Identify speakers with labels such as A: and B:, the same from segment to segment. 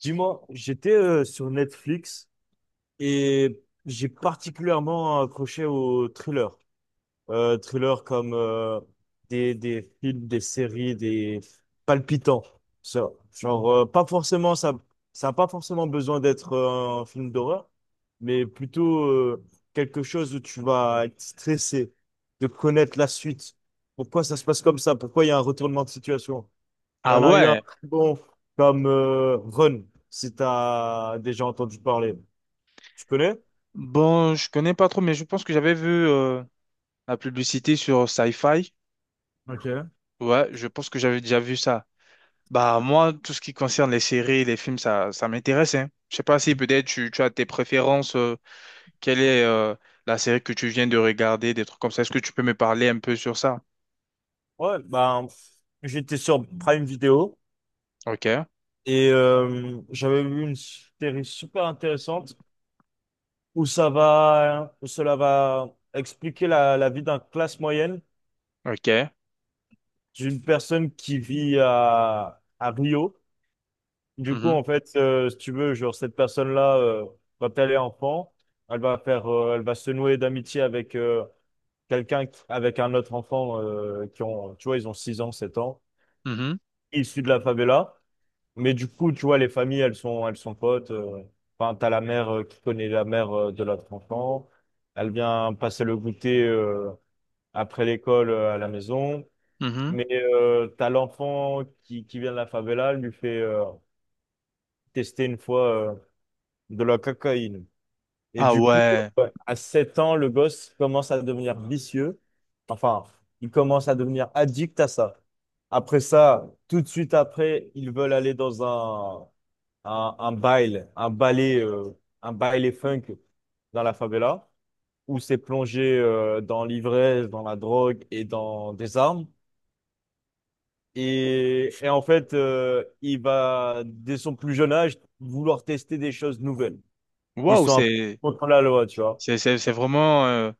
A: Dis-moi, j'étais sur Netflix et j'ai particulièrement accroché aux thrillers. Thrillers comme des films, des séries, des palpitants. Ça, genre, pas forcément, ça n'a pas forcément besoin d'être un film d'horreur, mais plutôt quelque chose où tu vas être stressé de connaître la suite. Pourquoi ça se passe comme ça? Pourquoi il y a un retournement de situation? Il y
B: Ah
A: en a eu un
B: ouais,
A: très bon comme Run, si tu as déjà entendu parler. Tu connais?
B: bon, je connais pas trop, mais je pense que j'avais vu la publicité sur Sci-Fi.
A: Ok.
B: Ouais, je pense que j'avais déjà vu ça. Bah moi, tout ce qui concerne les séries, les films, ça m'intéresse, hein. Je sais pas si peut-être tu as tes préférences, quelle est la série que tu viens de regarder, des trucs comme ça. Est-ce que tu peux me parler un peu sur ça?
A: Ouais, ben, j'étais sur Prime Video
B: Ok,
A: et j'avais vu une série super intéressante où ça va, où cela va expliquer la vie d'un classe moyenne,
B: ok.
A: d'une personne qui vit à Rio. Du coup,
B: Mhm,
A: en fait, si tu veux, genre, cette personne-là, quand elle est enfant, elle va se nouer d'amitié avec avec un autre enfant qui ont, tu vois, ils ont 6 ans, 7 ans,
B: mhm,
A: issus de la favela. Mais du coup, tu vois, les familles, elles sont potes. Enfin, t'as la mère qui connaît la mère de l'autre enfant. Elle vient passer le goûter après l'école à la maison.
B: mhm.
A: Mais t'as l'enfant qui vient de la favela, elle lui fait tester une fois de la cocaïne. Et
B: Ah
A: du coup,
B: ouais,
A: ouais, à 7 ans, le gosse commence à devenir vicieux. Enfin, il commence à devenir addict à ça. Après ça, tout de suite après, ils veulent aller dans un, un bail, un ballet, euh, un baile funk dans la favela, où c'est plongé dans l'ivresse, dans la drogue et dans des armes. Et en fait, il va, dès son plus jeune âge, vouloir tester des choses nouvelles qui
B: waouh,
A: sont un peu
B: c'est...
A: contre la loi, tu vois.
B: C'est vraiment euh,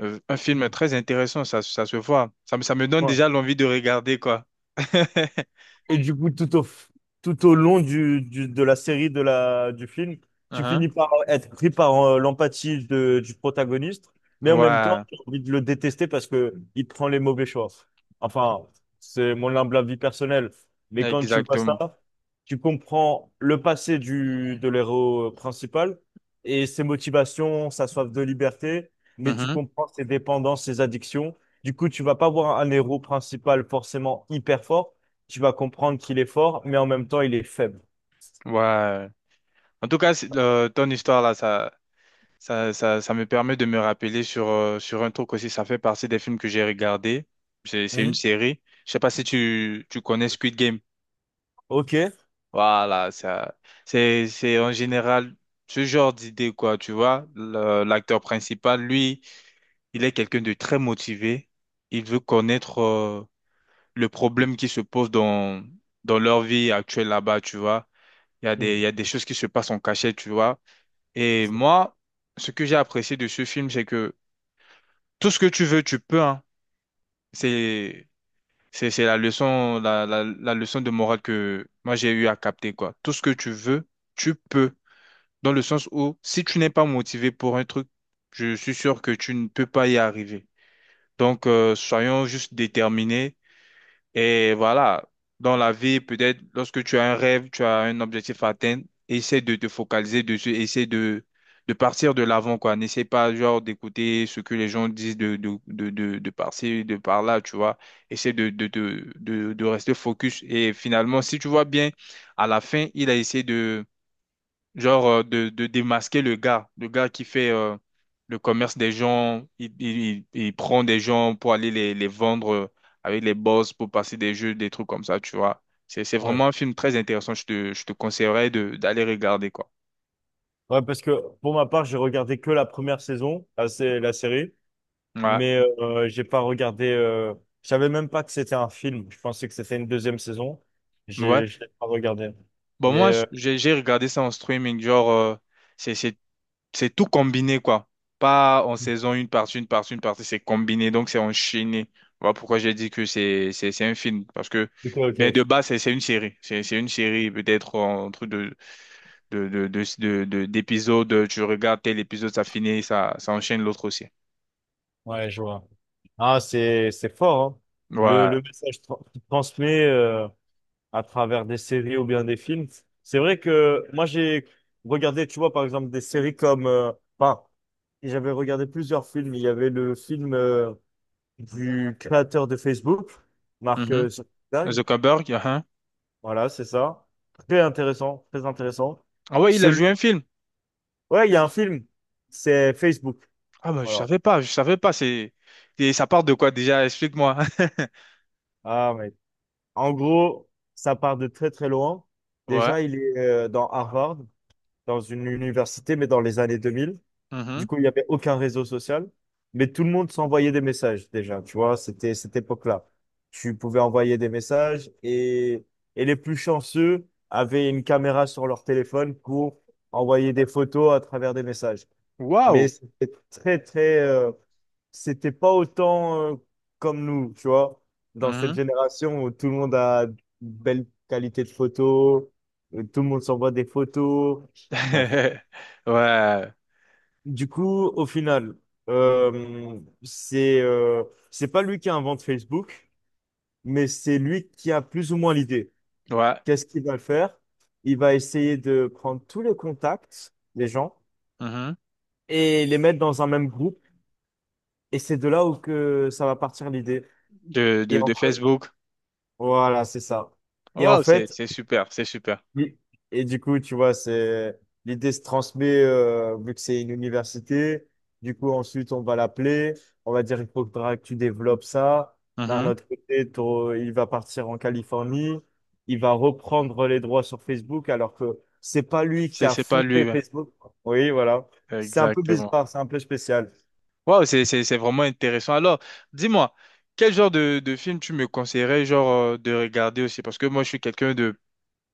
B: euh, un film
A: Mm.
B: très intéressant, ça se voit. Ça me donne
A: Ouais.
B: déjà l'envie de regarder, quoi.
A: Et du coup, tout au long de la série, du film, tu
B: Mhm.
A: finis par être pris par l'empathie du protagoniste, mais en même temps,
B: Ouais,
A: tu as envie de le détester parce que il prend les mauvais choix. Enfin, c'est mon humble avis personnel. Mais quand tu vois
B: exactement.
A: ça, tu comprends le passé de l'héros principal et ses motivations, sa soif de liberté, mais tu
B: Mhm.
A: comprends ses dépendances, ses addictions. Du coup, tu vas pas voir un héros principal forcément hyper fort. Tu vas comprendre qu'il est fort, mais en même temps, il est faible.
B: Ouais. En tout cas, ton histoire là, ça me permet de me rappeler sur, sur un truc aussi. Ça fait partie des films que j'ai regardés. C'est une
A: Mhm.
B: série. Je sais pas si tu connais Squid Game.
A: Ok.
B: Voilà, ça, c'est en général ce genre d'idée, quoi. Tu vois, l'acteur principal, lui. Il est quelqu'un de très motivé. Il veut connaître le problème qui se pose dans leur vie actuelle là-bas, tu vois. Il y
A: Mhm.
B: a des choses qui se passent en cachette, tu vois. Et moi, ce que j'ai apprécié de ce film, c'est que tout ce que tu veux, tu peux, hein. C'est, c'est la leçon, la leçon de morale que moi j'ai eu à capter, quoi. Tout ce que tu veux, tu peux. Dans le sens où, si tu n'es pas motivé pour un truc, je suis sûr que tu ne peux pas y arriver. Donc, soyons juste déterminés. Et voilà, dans la vie, peut-être lorsque tu as un rêve, tu as un objectif à atteindre, essaie de te focaliser dessus, de partir de l'avant, quoi. N'essaie pas, genre, d'écouter ce que les gens disent de par-ci, de par-là, tu vois. Essaie de rester focus. Et finalement, si tu vois bien, à la fin, il a essayé de de démasquer le gars qui fait le commerce des gens, il prend des gens pour aller les vendre avec les boss, pour passer des jeux, des trucs comme ça, tu vois. C'est
A: Ouais.
B: vraiment un film très intéressant, je te conseillerais de, d'aller regarder, quoi.
A: Ouais, parce que pour ma part, j'ai regardé que la première saison, la série,
B: Ouais,
A: mais j'ai pas regardé. Je savais même pas que c'était un film. Je pensais que c'était une deuxième saison.
B: ouais.
A: Je l'ai pas regardé.
B: Bon,
A: Mais
B: moi, j'ai regardé ça en streaming, genre, c'est, c'est- c'est tout combiné, quoi. Pas en saison une partie, une partie, une partie, c'est combiné, donc c'est enchaîné. Voilà pourquoi j'ai dit que c'est un film. Parce que,
A: ok, ok.
B: ben de base, c'est une série. C'est une série, peut-être entre deux d'épisodes. Tu regardes tel épisode, ça finit, ça enchaîne l'autre aussi.
A: Ouais, je vois. Ah, c'est fort, hein. Le
B: Ouais.
A: le message qu'il transmet. À travers des séries ou bien des films. C'est vrai que moi, j'ai regardé, tu vois, par exemple, des séries enfin, j'avais regardé plusieurs films. Il y avait le film du créateur de Facebook, Mark
B: Mhm.
A: Zuckerberg.
B: Zuckerberg, hein.
A: Voilà, c'est ça. Très intéressant, très intéressant.
B: Ah ouais, il a
A: Celui...
B: joué un film.
A: Ouais, il y a un film, c'est Facebook.
B: Ah bah,
A: Voilà.
B: je savais pas. C'est, et ça part de quoi déjà? Explique-moi.
A: Ah, mais en gros, ça part de très très loin.
B: Ouais.
A: Déjà, il est dans Harvard, dans une université, mais dans les années 2000. Du
B: Mhm.
A: coup, il n'y avait aucun réseau social, mais tout le monde s'envoyait des messages déjà, tu vois, c'était cette époque-là. Tu pouvais envoyer des messages et les plus chanceux avaient une caméra sur leur téléphone pour envoyer des photos à travers des messages.
B: Waouh.
A: Mais c'était très, très, c'était pas autant comme nous, tu vois, dans cette
B: Mhm.
A: génération où tout le monde a une belle qualité de photo, où tout le monde s'envoie des photos. Bref.
B: Ouais.
A: Du coup, au final, euh, c'est euh, c'est pas lui qui invente Facebook, mais c'est lui qui a plus ou moins l'idée.
B: Ouais.
A: Qu'est-ce qu'il va faire? Il va essayer de prendre tous les contacts des gens
B: Mhm.
A: et les mettre dans un même groupe. Et c'est de là où que ça va partir l'idée.
B: De,
A: Et en
B: de
A: fait,
B: Facebook.
A: voilà, c'est ça. Et en
B: Waouh,
A: fait,
B: c'est super.
A: oui. Et du coup, tu vois, c'est l'idée se transmet vu que c'est une université. Du coup, ensuite, on va l'appeler. On va dire, il faudra que tu développes ça. D'un
B: Mhm.
A: autre côté, il va partir en Californie. Il va reprendre les droits sur Facebook alors que c'est pas lui qui
B: C'est,
A: a
B: c'est pas lui.
A: fondé
B: Ouais.
A: Facebook. Oui, voilà. C'est un peu
B: Exactement.
A: bizarre, c'est un peu spécial.
B: Waouh, c'est vraiment intéressant. Alors, dis-moi, quel genre de film tu me conseillerais, genre, de regarder aussi? Parce que moi, je suis quelqu'un de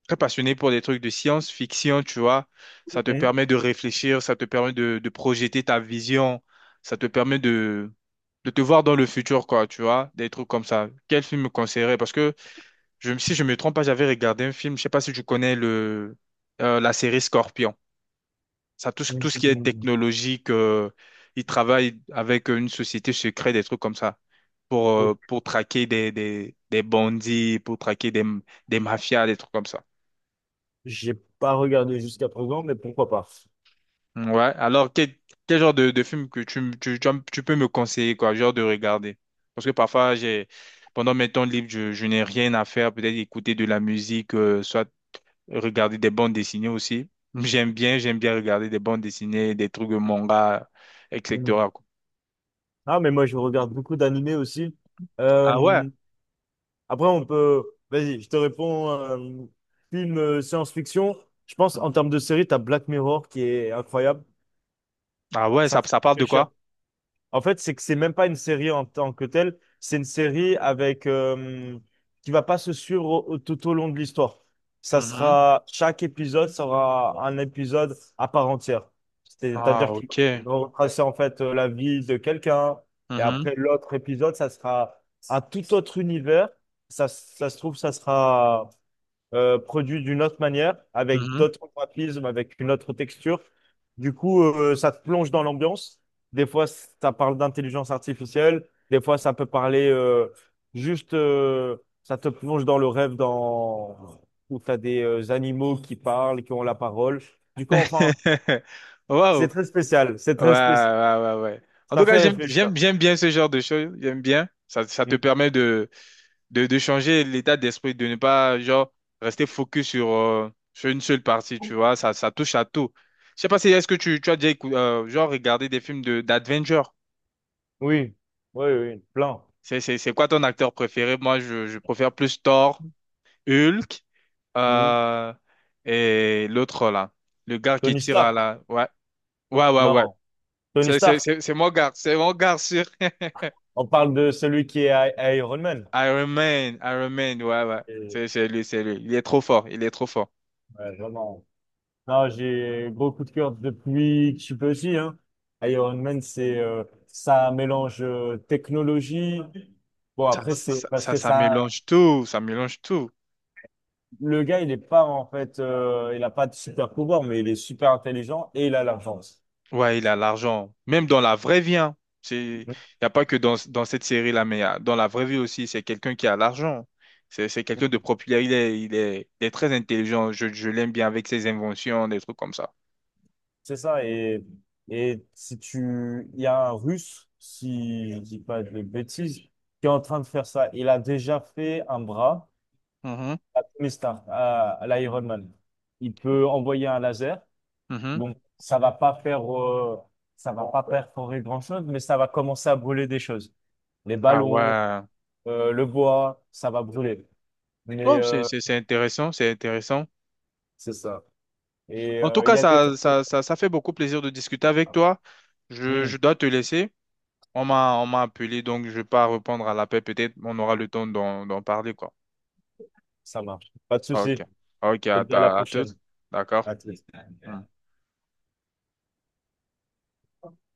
B: très passionné pour des trucs de science-fiction, tu vois. Ça te
A: Mhm.
B: permet de réfléchir, ça te permet de projeter ta vision, ça te permet de te voir dans le futur, quoi, tu vois, des trucs comme ça. Quel film me conseillerais? Parce que si je me trompe pas, j'avais regardé un film, je sais pas si tu connais le, la série Scorpion. Ça, tout ce qui est technologique, ils travaillent avec une société secrète, des trucs comme ça,
A: Mhm.
B: pour traquer des bandits, pour traquer des mafias, des trucs comme ça.
A: J'ai pas regardé jusqu'à présent, mais pourquoi pas?
B: Ouais, alors quel genre de film que tu peux me conseiller, quoi, genre de regarder? Parce que parfois, j'ai, pendant mes temps libres, je n'ai rien à faire, peut-être écouter de la musique, soit regarder des bandes dessinées aussi. J'aime bien regarder des bandes dessinées, des trucs de manga,
A: Mm.
B: etc., quoi.
A: Ah, mais moi, je regarde beaucoup d'animés aussi.
B: Ah ouais,
A: Euh, Après, on peut. Vas-y, je te réponds. Film science-fiction. Je pense en termes de série, t'as Black Mirror qui est incroyable.
B: ah ouais,
A: Ça fait
B: ça parle de
A: réfléchir.
B: quoi?
A: En fait, c'est que c'est même pas une série en tant que telle, c'est une série avec qui va pas se suivre tout au long de l'histoire. Ça
B: Mhm.
A: sera Chaque épisode sera un épisode à part entière.
B: Ah,
A: C'est-à-dire qu'il
B: ok.
A: va retracer en fait la vie de quelqu'un et
B: Mhm,
A: après l'autre épisode, ça sera un tout autre univers. Ça se trouve, ça sera produit d'une autre manière, avec
B: mhm.
A: d'autres graphismes, avec une autre texture. Du coup, ça te plonge dans l'ambiance. Des fois, ça parle d'intelligence artificielle. Des fois, ça peut parler juste, euh, ça te plonge dans le rêve, dans où tu as des animaux qui parlent, qui ont la parole. Du coup, enfin, c'est
B: Wow.
A: très spécial. C'est
B: Ouais,
A: très spécial.
B: ouais, ouais, ouais. En
A: Ça
B: tout cas,
A: fait réfléchir.
B: j'aime bien ce genre de choses. J'aime bien. Ça te
A: Mm.
B: permet de changer l'état d'esprit, de ne pas, genre, rester focus sur, sur une seule partie, tu vois. Ça touche à tout. Je sais pas si, est-ce que tu as déjà, genre, regardé des films de, d'adventure?
A: Oui, oui, oui, oui. Plein.
B: C'est quoi ton acteur préféré? Moi, je préfère plus Thor, Hulk,
A: Mm.
B: euh, et l'autre là. Le gars qui
A: Tony
B: tire à
A: Stark.
B: la. Ouais, ouais.
A: Non, Tony Stark.
B: C'est mon gars sûr.
A: On parle de celui qui est Iron Man.
B: Iron Man, Iron Man, ouais, ouais.
A: Et,
B: C'est lui, c'est lui. Il est trop fort, il est trop fort.
A: ouais, vraiment. Non, j'ai gros coup de cœur depuis que je suis petit, hein. Iron Man, c'est ça mélange technologie. Bon, après, c'est parce que
B: Ça
A: ça,
B: mélange tout, ça mélange tout.
A: le gars, il est pas en fait, il a pas de super pouvoir, mais il est super intelligent et il a l'argent.
B: Ouais, il a l'argent. Même dans la vraie vie, hein. C'est, y a pas que dans cette série-là, mais dans la vraie vie aussi, c'est quelqu'un qui a l'argent. C'est quelqu'un de populaire. Il est très intelligent. Je l'aime bien avec ses inventions, des trucs comme ça.
A: C'est ça. Et si tu, il y a un Russe, si je dis pas de bêtises, qui est en train de faire ça. Il a déjà fait un bras.
B: Mhm,
A: Tony Stark à l'Iron Man. Il peut envoyer un laser.
B: mhm.
A: Donc, ça va pas perforer grand-chose, mais ça va commencer à brûler des choses. Les
B: Ah
A: ballons,
B: ouais.
A: le bois, ça va brûler. Mais
B: Oh c'est intéressant, c'est intéressant.
A: c'est ça. Et
B: En tout
A: il
B: cas,
A: y a des...
B: ça fait beaucoup plaisir de discuter avec toi.
A: Hmm,
B: Je dois te laisser. On m'a appelé, donc je ne vais pas répondre à l'appel. Peut-être on aura le temps d'en parler, quoi.
A: ça marche. Pas de
B: Ok.
A: souci.
B: Ok,
A: Je te dis à la
B: à
A: prochaine.
B: toutes. D'accord.
A: À tous.
B: Hmm.